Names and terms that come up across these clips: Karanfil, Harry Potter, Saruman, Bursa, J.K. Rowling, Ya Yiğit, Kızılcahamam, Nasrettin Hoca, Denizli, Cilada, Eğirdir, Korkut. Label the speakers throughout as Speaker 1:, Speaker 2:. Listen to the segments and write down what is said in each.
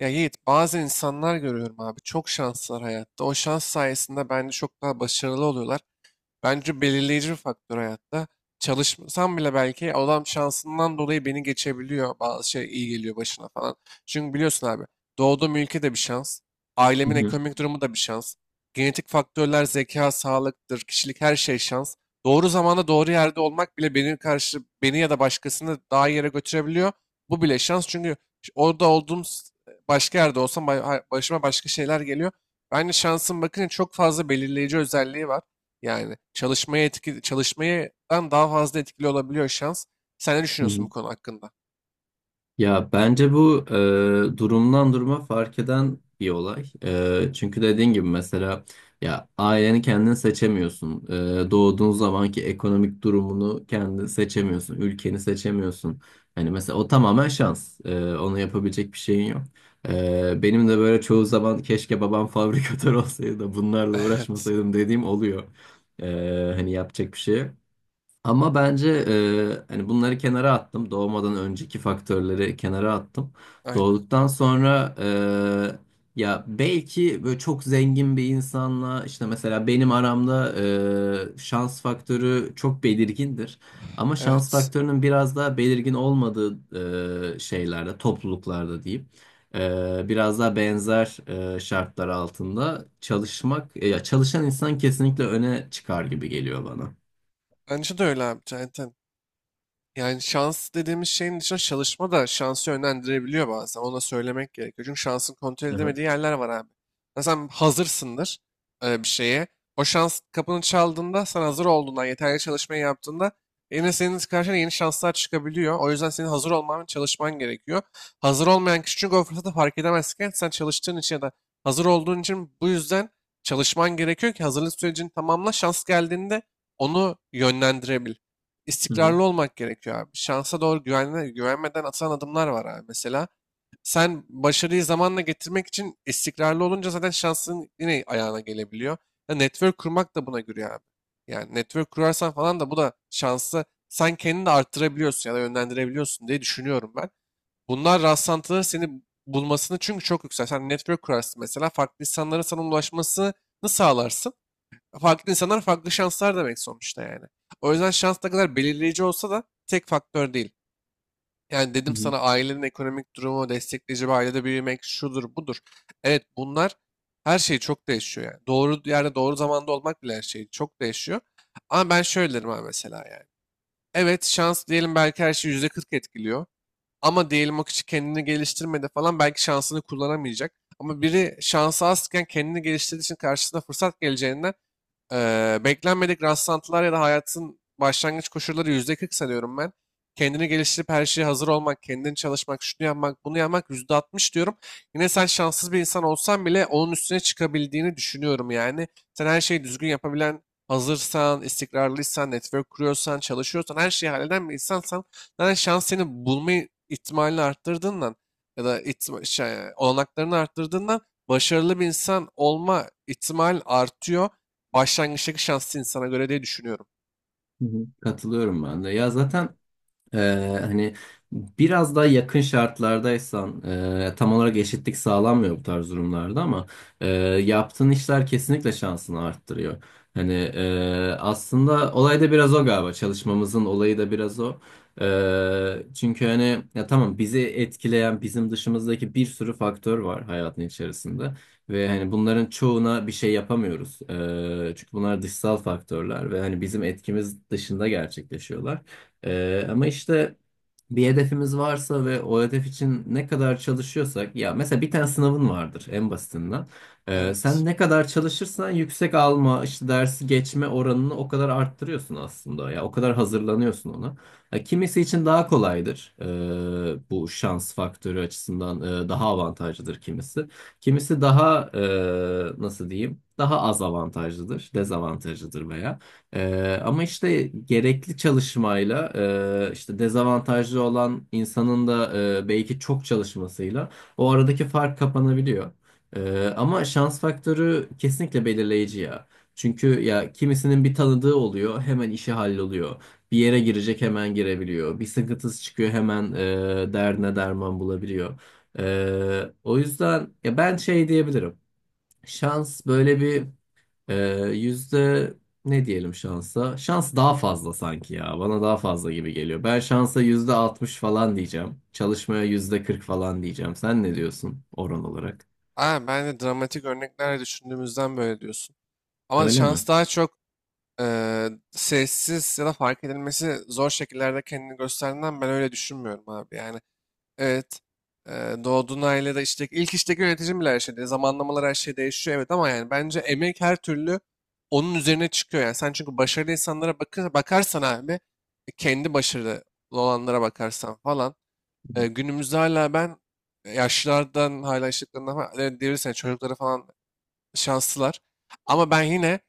Speaker 1: Ya Yiğit, bazı insanlar görüyorum abi çok şanslılar hayatta. O şans sayesinde bence çok daha başarılı oluyorlar. Bence belirleyici bir faktör hayatta. Çalışmasam bile belki adam şansından dolayı beni geçebiliyor. Bazı şey iyi geliyor başına falan. Çünkü biliyorsun abi doğduğum ülke de bir şans.
Speaker 2: Hı
Speaker 1: Ailemin
Speaker 2: hı,
Speaker 1: ekonomik durumu da bir şans. Genetik faktörler, zeka, sağlıktır, kişilik her şey şans. Doğru zamanda doğru yerde olmak bile beni karşı beni ya da başkasını daha iyi yere götürebiliyor. Bu bile şans çünkü orada olduğum başka yerde olsam başıma başka şeyler geliyor. Bence şansın bakın çok fazla belirleyici özelliği var. Yani çalışmaya etki, çalışmadan daha fazla etkili olabiliyor şans. Sen ne
Speaker 2: hı
Speaker 1: düşünüyorsun
Speaker 2: hı.
Speaker 1: bu konu hakkında?
Speaker 2: Ya bence bu durumdan duruma fark eden bir olay. Çünkü dediğin gibi mesela ya aileni kendin seçemiyorsun. Doğduğun zamanki ekonomik durumunu kendin seçemiyorsun. Ülkeni seçemiyorsun. Hani mesela o tamamen şans. Onu yapabilecek bir şeyin yok. Benim de böyle çoğu zaman keşke babam fabrikatör olsaydı da bunlarla
Speaker 1: Evet.
Speaker 2: uğraşmasaydım dediğim oluyor. Hani yapacak bir şey yok. Ama bence hani bunları kenara attım. Doğmadan önceki faktörleri kenara attım.
Speaker 1: Aynen.
Speaker 2: Doğduktan sonra ya belki böyle çok zengin bir insanla işte mesela benim aramda şans faktörü çok belirgindir. Ama şans
Speaker 1: Evet.
Speaker 2: faktörünün biraz daha belirgin olmadığı şeylerde, topluluklarda diyeyim. Biraz daha benzer şartlar altında çalışmak, ya çalışan insan kesinlikle öne çıkar gibi geliyor bana.
Speaker 1: Bence de öyle abi. Aynen. Yani şans dediğimiz şeyin dışında çalışma da şansı yönlendirebiliyor bazen. Ona söylemek gerekiyor. Çünkü şansın kontrol
Speaker 2: Hı hı.
Speaker 1: edemediği yerler var abi. Mesela sen hazırsındır bir şeye. O şans kapını çaldığında sen hazır olduğundan, yeterli çalışmayı yaptığında yine senin karşına yeni şanslar çıkabiliyor. O yüzden senin hazır olman ve çalışman gerekiyor. Hazır olmayan kişi çünkü o fırsatı fark edemezken sen çalıştığın için ya da hazır olduğun için bu yüzden çalışman gerekiyor ki hazırlık sürecini tamamla. Şans geldiğinde onu yönlendirebil
Speaker 2: Hı hı.
Speaker 1: istikrarlı olmak gerekiyor abi. Şansa doğru güvenme, güvenmeden atılan adımlar var abi. Mesela sen başarıyı zamanla getirmek için istikrarlı olunca zaten şansın yine ayağına gelebiliyor. Ya network kurmak da buna giriyor abi. Yani network kurarsan falan da bu da şansı sen kendini de arttırabiliyorsun ya da yönlendirebiliyorsun diye düşünüyorum ben. Bunlar rastlantıları seni bulmasını çünkü çok yüksek. Sen network kurarsın mesela farklı insanlara sana ulaşmasını sağlarsın. Farklı insanlar farklı şanslar demek sonuçta yani. O yüzden şans ne kadar belirleyici olsa da tek faktör değil. Yani
Speaker 2: Hı
Speaker 1: dedim
Speaker 2: hı,
Speaker 1: sana ailenin ekonomik durumu, destekleyici bir ailede büyümek şudur budur. Evet, bunlar her şey çok değişiyor yani. Doğru yerde doğru zamanda olmak bile her şey çok değişiyor. Ama ben şöyle derim abi mesela yani. Evet şans diyelim belki her şeyi %40 etkiliyor. Ama diyelim o kişi kendini geliştirmedi falan belki şansını kullanamayacak. Ama biri şansı azken kendini geliştirdiği için karşısına fırsat geleceğinden, beklenmedik rastlantılar ya da hayatın başlangıç koşulları %40 sanıyorum ben. Kendini geliştirip her şeye hazır olmak, kendini çalışmak, şunu yapmak, bunu yapmak %60 diyorum. Yine sen şanssız bir insan olsan bile onun üstüne çıkabildiğini düşünüyorum yani. Sen her şeyi düzgün yapabilen, hazırsan, istikrarlıysan, network kuruyorsan, çalışıyorsan, her şeyi halleden bir insansan zaten şans seni bulma ihtimalini arttırdığından ya da olanaklarını arttırdığından başarılı bir insan olma ihtimal artıyor başlangıçtaki şanslı insana göre diye düşünüyorum.
Speaker 2: hı hı. Katılıyorum ben de. Ya zaten hani biraz daha yakın şartlardaysan tam olarak eşitlik sağlanmıyor bu tarz durumlarda ama e, yaptığın işler kesinlikle şansını arttırıyor. Hani aslında olay da biraz o galiba çalışmamızın olayı da biraz o. Çünkü hani ya tamam bizi etkileyen bizim dışımızdaki bir sürü faktör var hayatın içerisinde ve hani bunların çoğuna bir şey yapamıyoruz. Çünkü bunlar dışsal faktörler ve hani bizim etkimiz dışında gerçekleşiyorlar. Ama işte bir hedefimiz varsa ve o hedef için ne kadar çalışıyorsak ya mesela bir tane sınavın vardır en basitinden. Sen
Speaker 1: Evet.
Speaker 2: ne kadar çalışırsan yüksek alma işte dersi geçme oranını o kadar arttırıyorsun aslında ya o kadar hazırlanıyorsun ona. Ya kimisi için daha kolaydır bu şans faktörü açısından daha avantajlıdır kimisi. Kimisi daha nasıl diyeyim daha az avantajlıdır dezavantajlıdır veya. Ama işte gerekli çalışmayla işte dezavantajlı olan insanın da belki çok çalışmasıyla o aradaki fark kapanabiliyor. Ama şans faktörü kesinlikle belirleyici ya. Çünkü ya kimisinin bir tanıdığı oluyor hemen işi halloluyor. Bir yere girecek hemen girebiliyor. Bir sıkıntısı çıkıyor hemen derdine derman bulabiliyor. O yüzden ya ben şey diyebilirim. Şans böyle bir ee, yüzde ne diyelim şansa? Şans daha fazla sanki ya. Bana daha fazla gibi geliyor. Ben şansa yüzde altmış falan diyeceğim. Çalışmaya yüzde kırk falan diyeceğim. Sen ne diyorsun oran olarak?
Speaker 1: Aa, ben de dramatik örnekler düşündüğümüzden böyle diyorsun. Ama
Speaker 2: Öyle mi?
Speaker 1: şans daha çok sessiz ya da fark edilmesi zor şekillerde kendini gösterdiğinden ben öyle düşünmüyorum abi. Yani evet, doğduğun ailede işte ilk işteki yöneticin bile her şey değişiyor. Zamanlamalar her şey değişiyor evet ama yani bence emek her türlü onun üzerine çıkıyor. Yani sen çünkü başarılı insanlara bakarsan abi, kendi başarılı olanlara bakarsan falan. Günümüzde hala ben yaşlılardan hala yaşlılarından falan diyebilirsin çocukları falan şanslılar. Ama ben yine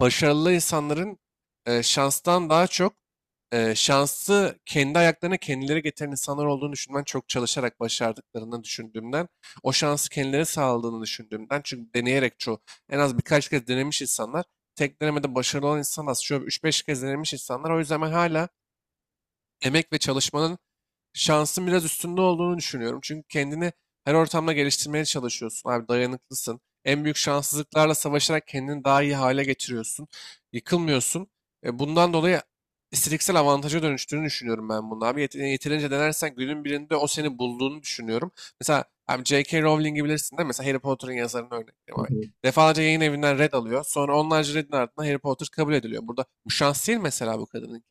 Speaker 1: başarılı insanların şanstan daha çok şansı kendi ayaklarına kendileri getiren insanlar olduğunu düşünmen, çok çalışarak başardıklarını düşündüğümden, o şansı kendileri sağladığını düşündüğümden, çünkü deneyerek çoğu en az birkaç kez denemiş insanlar, tek denemede başarılı olan insan az, şöyle üç beş kez denemiş insanlar. O yüzden ben hala emek ve çalışmanın şansın biraz üstünde olduğunu düşünüyorum. Çünkü kendini her ortamda geliştirmeye çalışıyorsun. Abi dayanıklısın. En büyük şanssızlıklarla savaşarak kendini daha iyi hale getiriyorsun. Yıkılmıyorsun. Bundan dolayı istatistiksel avantaja dönüştüğünü düşünüyorum ben bunu abi. Yeterince denersen günün birinde o seni bulduğunu düşünüyorum. Mesela abi J.K. Rowling'i bilirsin değil mi? Mesela Harry Potter'ın yazarını örnek vereyim abi. Defalarca yayın evinden red alıyor. Sonra onlarca redin ardından Harry Potter kabul ediliyor. Burada bu şans değil, mesela bu kadının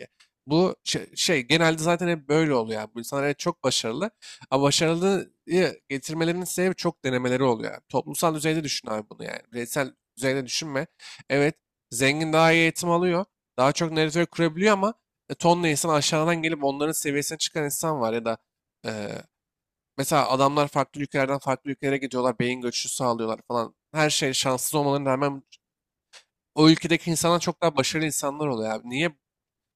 Speaker 1: bu genelde zaten hep böyle oluyor yani. Bu insanlar evet çok başarılı. Ama başarılıyı getirmelerinin sebebi çok denemeleri oluyor yani. Toplumsal düzeyde düşün abi bunu yani. Bireysel düzeyde düşünme. Evet, zengin daha iyi eğitim alıyor. Daha çok network kurabiliyor ama tonla insan aşağıdan gelip onların seviyesine çıkan insan var, ya da e, mesela adamlar farklı ülkelerden farklı ülkelere gidiyorlar. Beyin göçü sağlıyorlar falan. Her şey şanssız olmalarına rağmen o ülkedeki insanlar çok daha başarılı insanlar oluyor abi. Niye?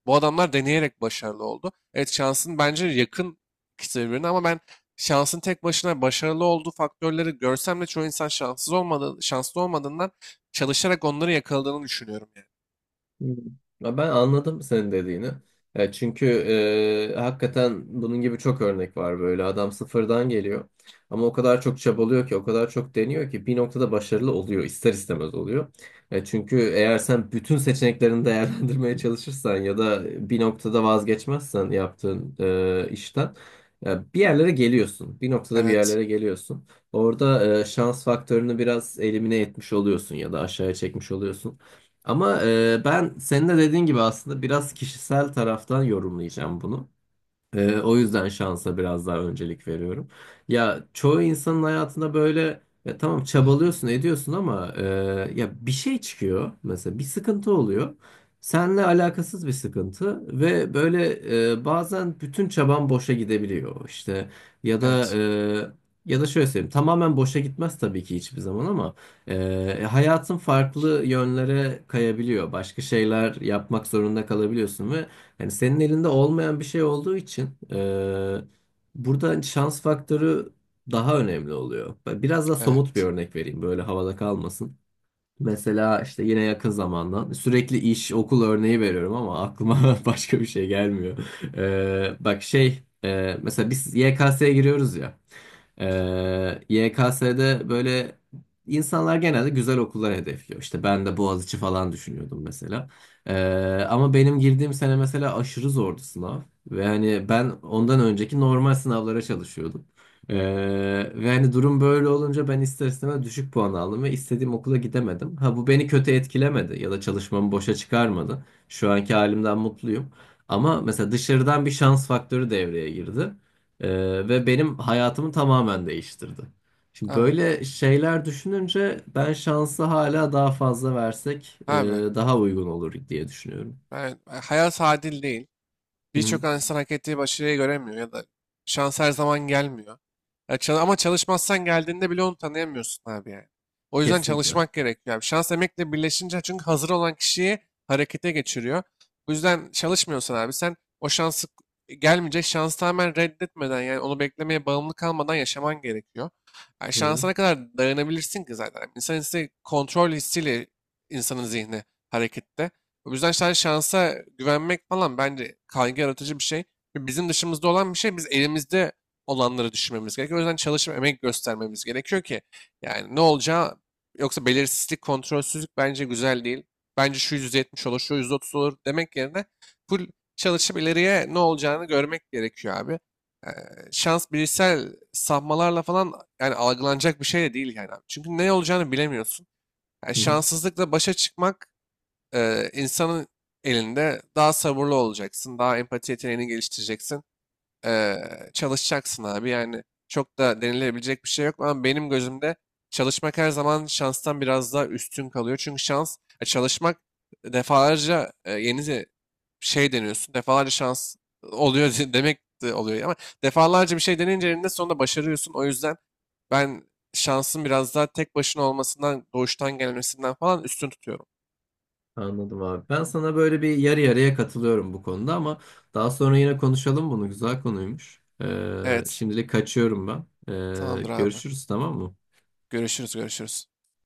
Speaker 1: Bu adamlar deneyerek başarılı oldu. Evet, şansın bence yakın ikisi birbirine ama ben şansın tek başına başarılı olduğu faktörleri görsem de çoğu insan şanssız olmadığı, şanslı olmadığından çalışarak onları yakaladığını düşünüyorum yani.
Speaker 2: Hmm. Ya ben anladım senin dediğini. Ya çünkü hakikaten bunun gibi çok örnek var böyle. Adam sıfırdan geliyor. Ama o kadar çok çabalıyor ki, o kadar çok deniyor ki bir noktada başarılı oluyor. İster istemez oluyor. Çünkü eğer sen bütün seçeneklerini değerlendirmeye çalışırsan ya da bir noktada vazgeçmezsen yaptığın işten ya bir yerlere geliyorsun. Bir noktada bir
Speaker 1: Evet,
Speaker 2: yerlere geliyorsun. Orada şans faktörünü biraz elimine etmiş oluyorsun ya da aşağıya çekmiş oluyorsun. Ama ben senin de dediğin gibi aslında biraz kişisel taraftan yorumlayacağım bunu. O yüzden şansa biraz daha öncelik veriyorum. Ya çoğu insanın hayatında böyle ya tamam çabalıyorsun ediyorsun ama ya bir şey çıkıyor mesela bir sıkıntı oluyor. Seninle alakasız bir sıkıntı ve böyle bazen bütün çaban boşa gidebiliyor işte ya da
Speaker 1: evet,
Speaker 2: e, ya da şöyle söyleyeyim tamamen boşa gitmez tabii ki hiçbir zaman ama hayatın farklı yönlere kayabiliyor. Başka şeyler yapmak zorunda kalabiliyorsun ve yani senin elinde olmayan bir şey olduğu için burada şans faktörü daha önemli oluyor. Ben biraz da somut bir
Speaker 1: evet.
Speaker 2: örnek vereyim böyle havada kalmasın. Mesela işte yine yakın zamandan sürekli iş okul örneği veriyorum ama aklıma başka bir şey gelmiyor. Bak şey mesela biz YKS'ye giriyoruz ya. YKS'de böyle insanlar genelde güzel okullar hedefliyor. İşte ben de Boğaziçi falan düşünüyordum mesela. Ama benim girdiğim sene mesela aşırı zordu sınav. Ve hani ben ondan önceki normal sınavlara çalışıyordum. Ee, ve hani durum böyle olunca ben ister istemez düşük puan aldım ve istediğim okula gidemedim. Ha bu beni kötü etkilemedi ya da çalışmamı boşa çıkarmadı. Şu anki halimden mutluyum. Ama mesela dışarıdan bir şans faktörü devreye girdi. Ee, ve benim hayatımı tamamen değiştirdi. Şimdi
Speaker 1: Abi,
Speaker 2: böyle şeyler düşününce ben şansı hala daha fazla versek
Speaker 1: abi,
Speaker 2: daha uygun olur diye düşünüyorum.
Speaker 1: ben, hayat adil değil.
Speaker 2: Hı hı.
Speaker 1: Birçok insan hak ettiği başarıyı göremiyor ya da şans her zaman gelmiyor. Ya ama çalışmazsan geldiğinde bile onu tanıyamıyorsun abi yani. O yüzden
Speaker 2: Kesinlikle. Hı
Speaker 1: çalışmak gerekiyor abi. Şans emekle birleşince çünkü hazır olan kişiyi harekete geçiriyor. Bu yüzden çalışmıyorsan abi sen o şansı gelmeyecek şansı tamamen reddetmeden, yani onu beklemeye bağımlı kalmadan yaşaman gerekiyor. Yani
Speaker 2: hı.
Speaker 1: şansa ne kadar dayanabilirsin ki zaten. İnsan hissi kontrol hissiyle insanın zihni harekette. O yüzden sen şansa güvenmek falan bence kaygı yaratıcı bir şey. Ve bizim dışımızda olan bir şey. Biz elimizde olanları düşünmemiz gerekiyor. O yüzden çalışıp emek göstermemiz gerekiyor ki yani ne olacağı, yoksa belirsizlik, kontrolsüzlük bence güzel değil. Bence şu %70 olur, şu %30 olur demek yerine full çalışıp ileriye ne olacağını görmek gerekiyor abi. Ee, Şans bilişsel sapmalarla falan yani algılanacak bir şey de değil yani abi. Çünkü ne olacağını bilemiyorsun. Yani
Speaker 2: Hı hı.
Speaker 1: şanssızlıkla başa çıkmak, insanın elinde daha sabırlı olacaksın, daha empati yeteneğini geliştireceksin, çalışacaksın abi. Yani çok da denilebilecek bir şey yok ama benim gözümde çalışmak her zaman şanstan biraz daha üstün kalıyor. Çünkü şans, çalışmak defalarca, yeni deniyorsun, defalarca şans oluyor demek de oluyor ama defalarca bir şey deneyince eninde sonunda başarıyorsun. O yüzden ben şansın biraz daha tek başına olmasından, doğuştan gelmesinden falan üstün tutuyorum.
Speaker 2: Anladım abi. Ben sana böyle bir yarı yarıya katılıyorum bu konuda ama daha sonra yine konuşalım bunu. Güzel konuymuş. Ee,
Speaker 1: Evet.
Speaker 2: şimdilik kaçıyorum ben. Ee,
Speaker 1: Tamamdır abi.
Speaker 2: görüşürüz tamam mı?
Speaker 1: Görüşürüz, görüşürüz.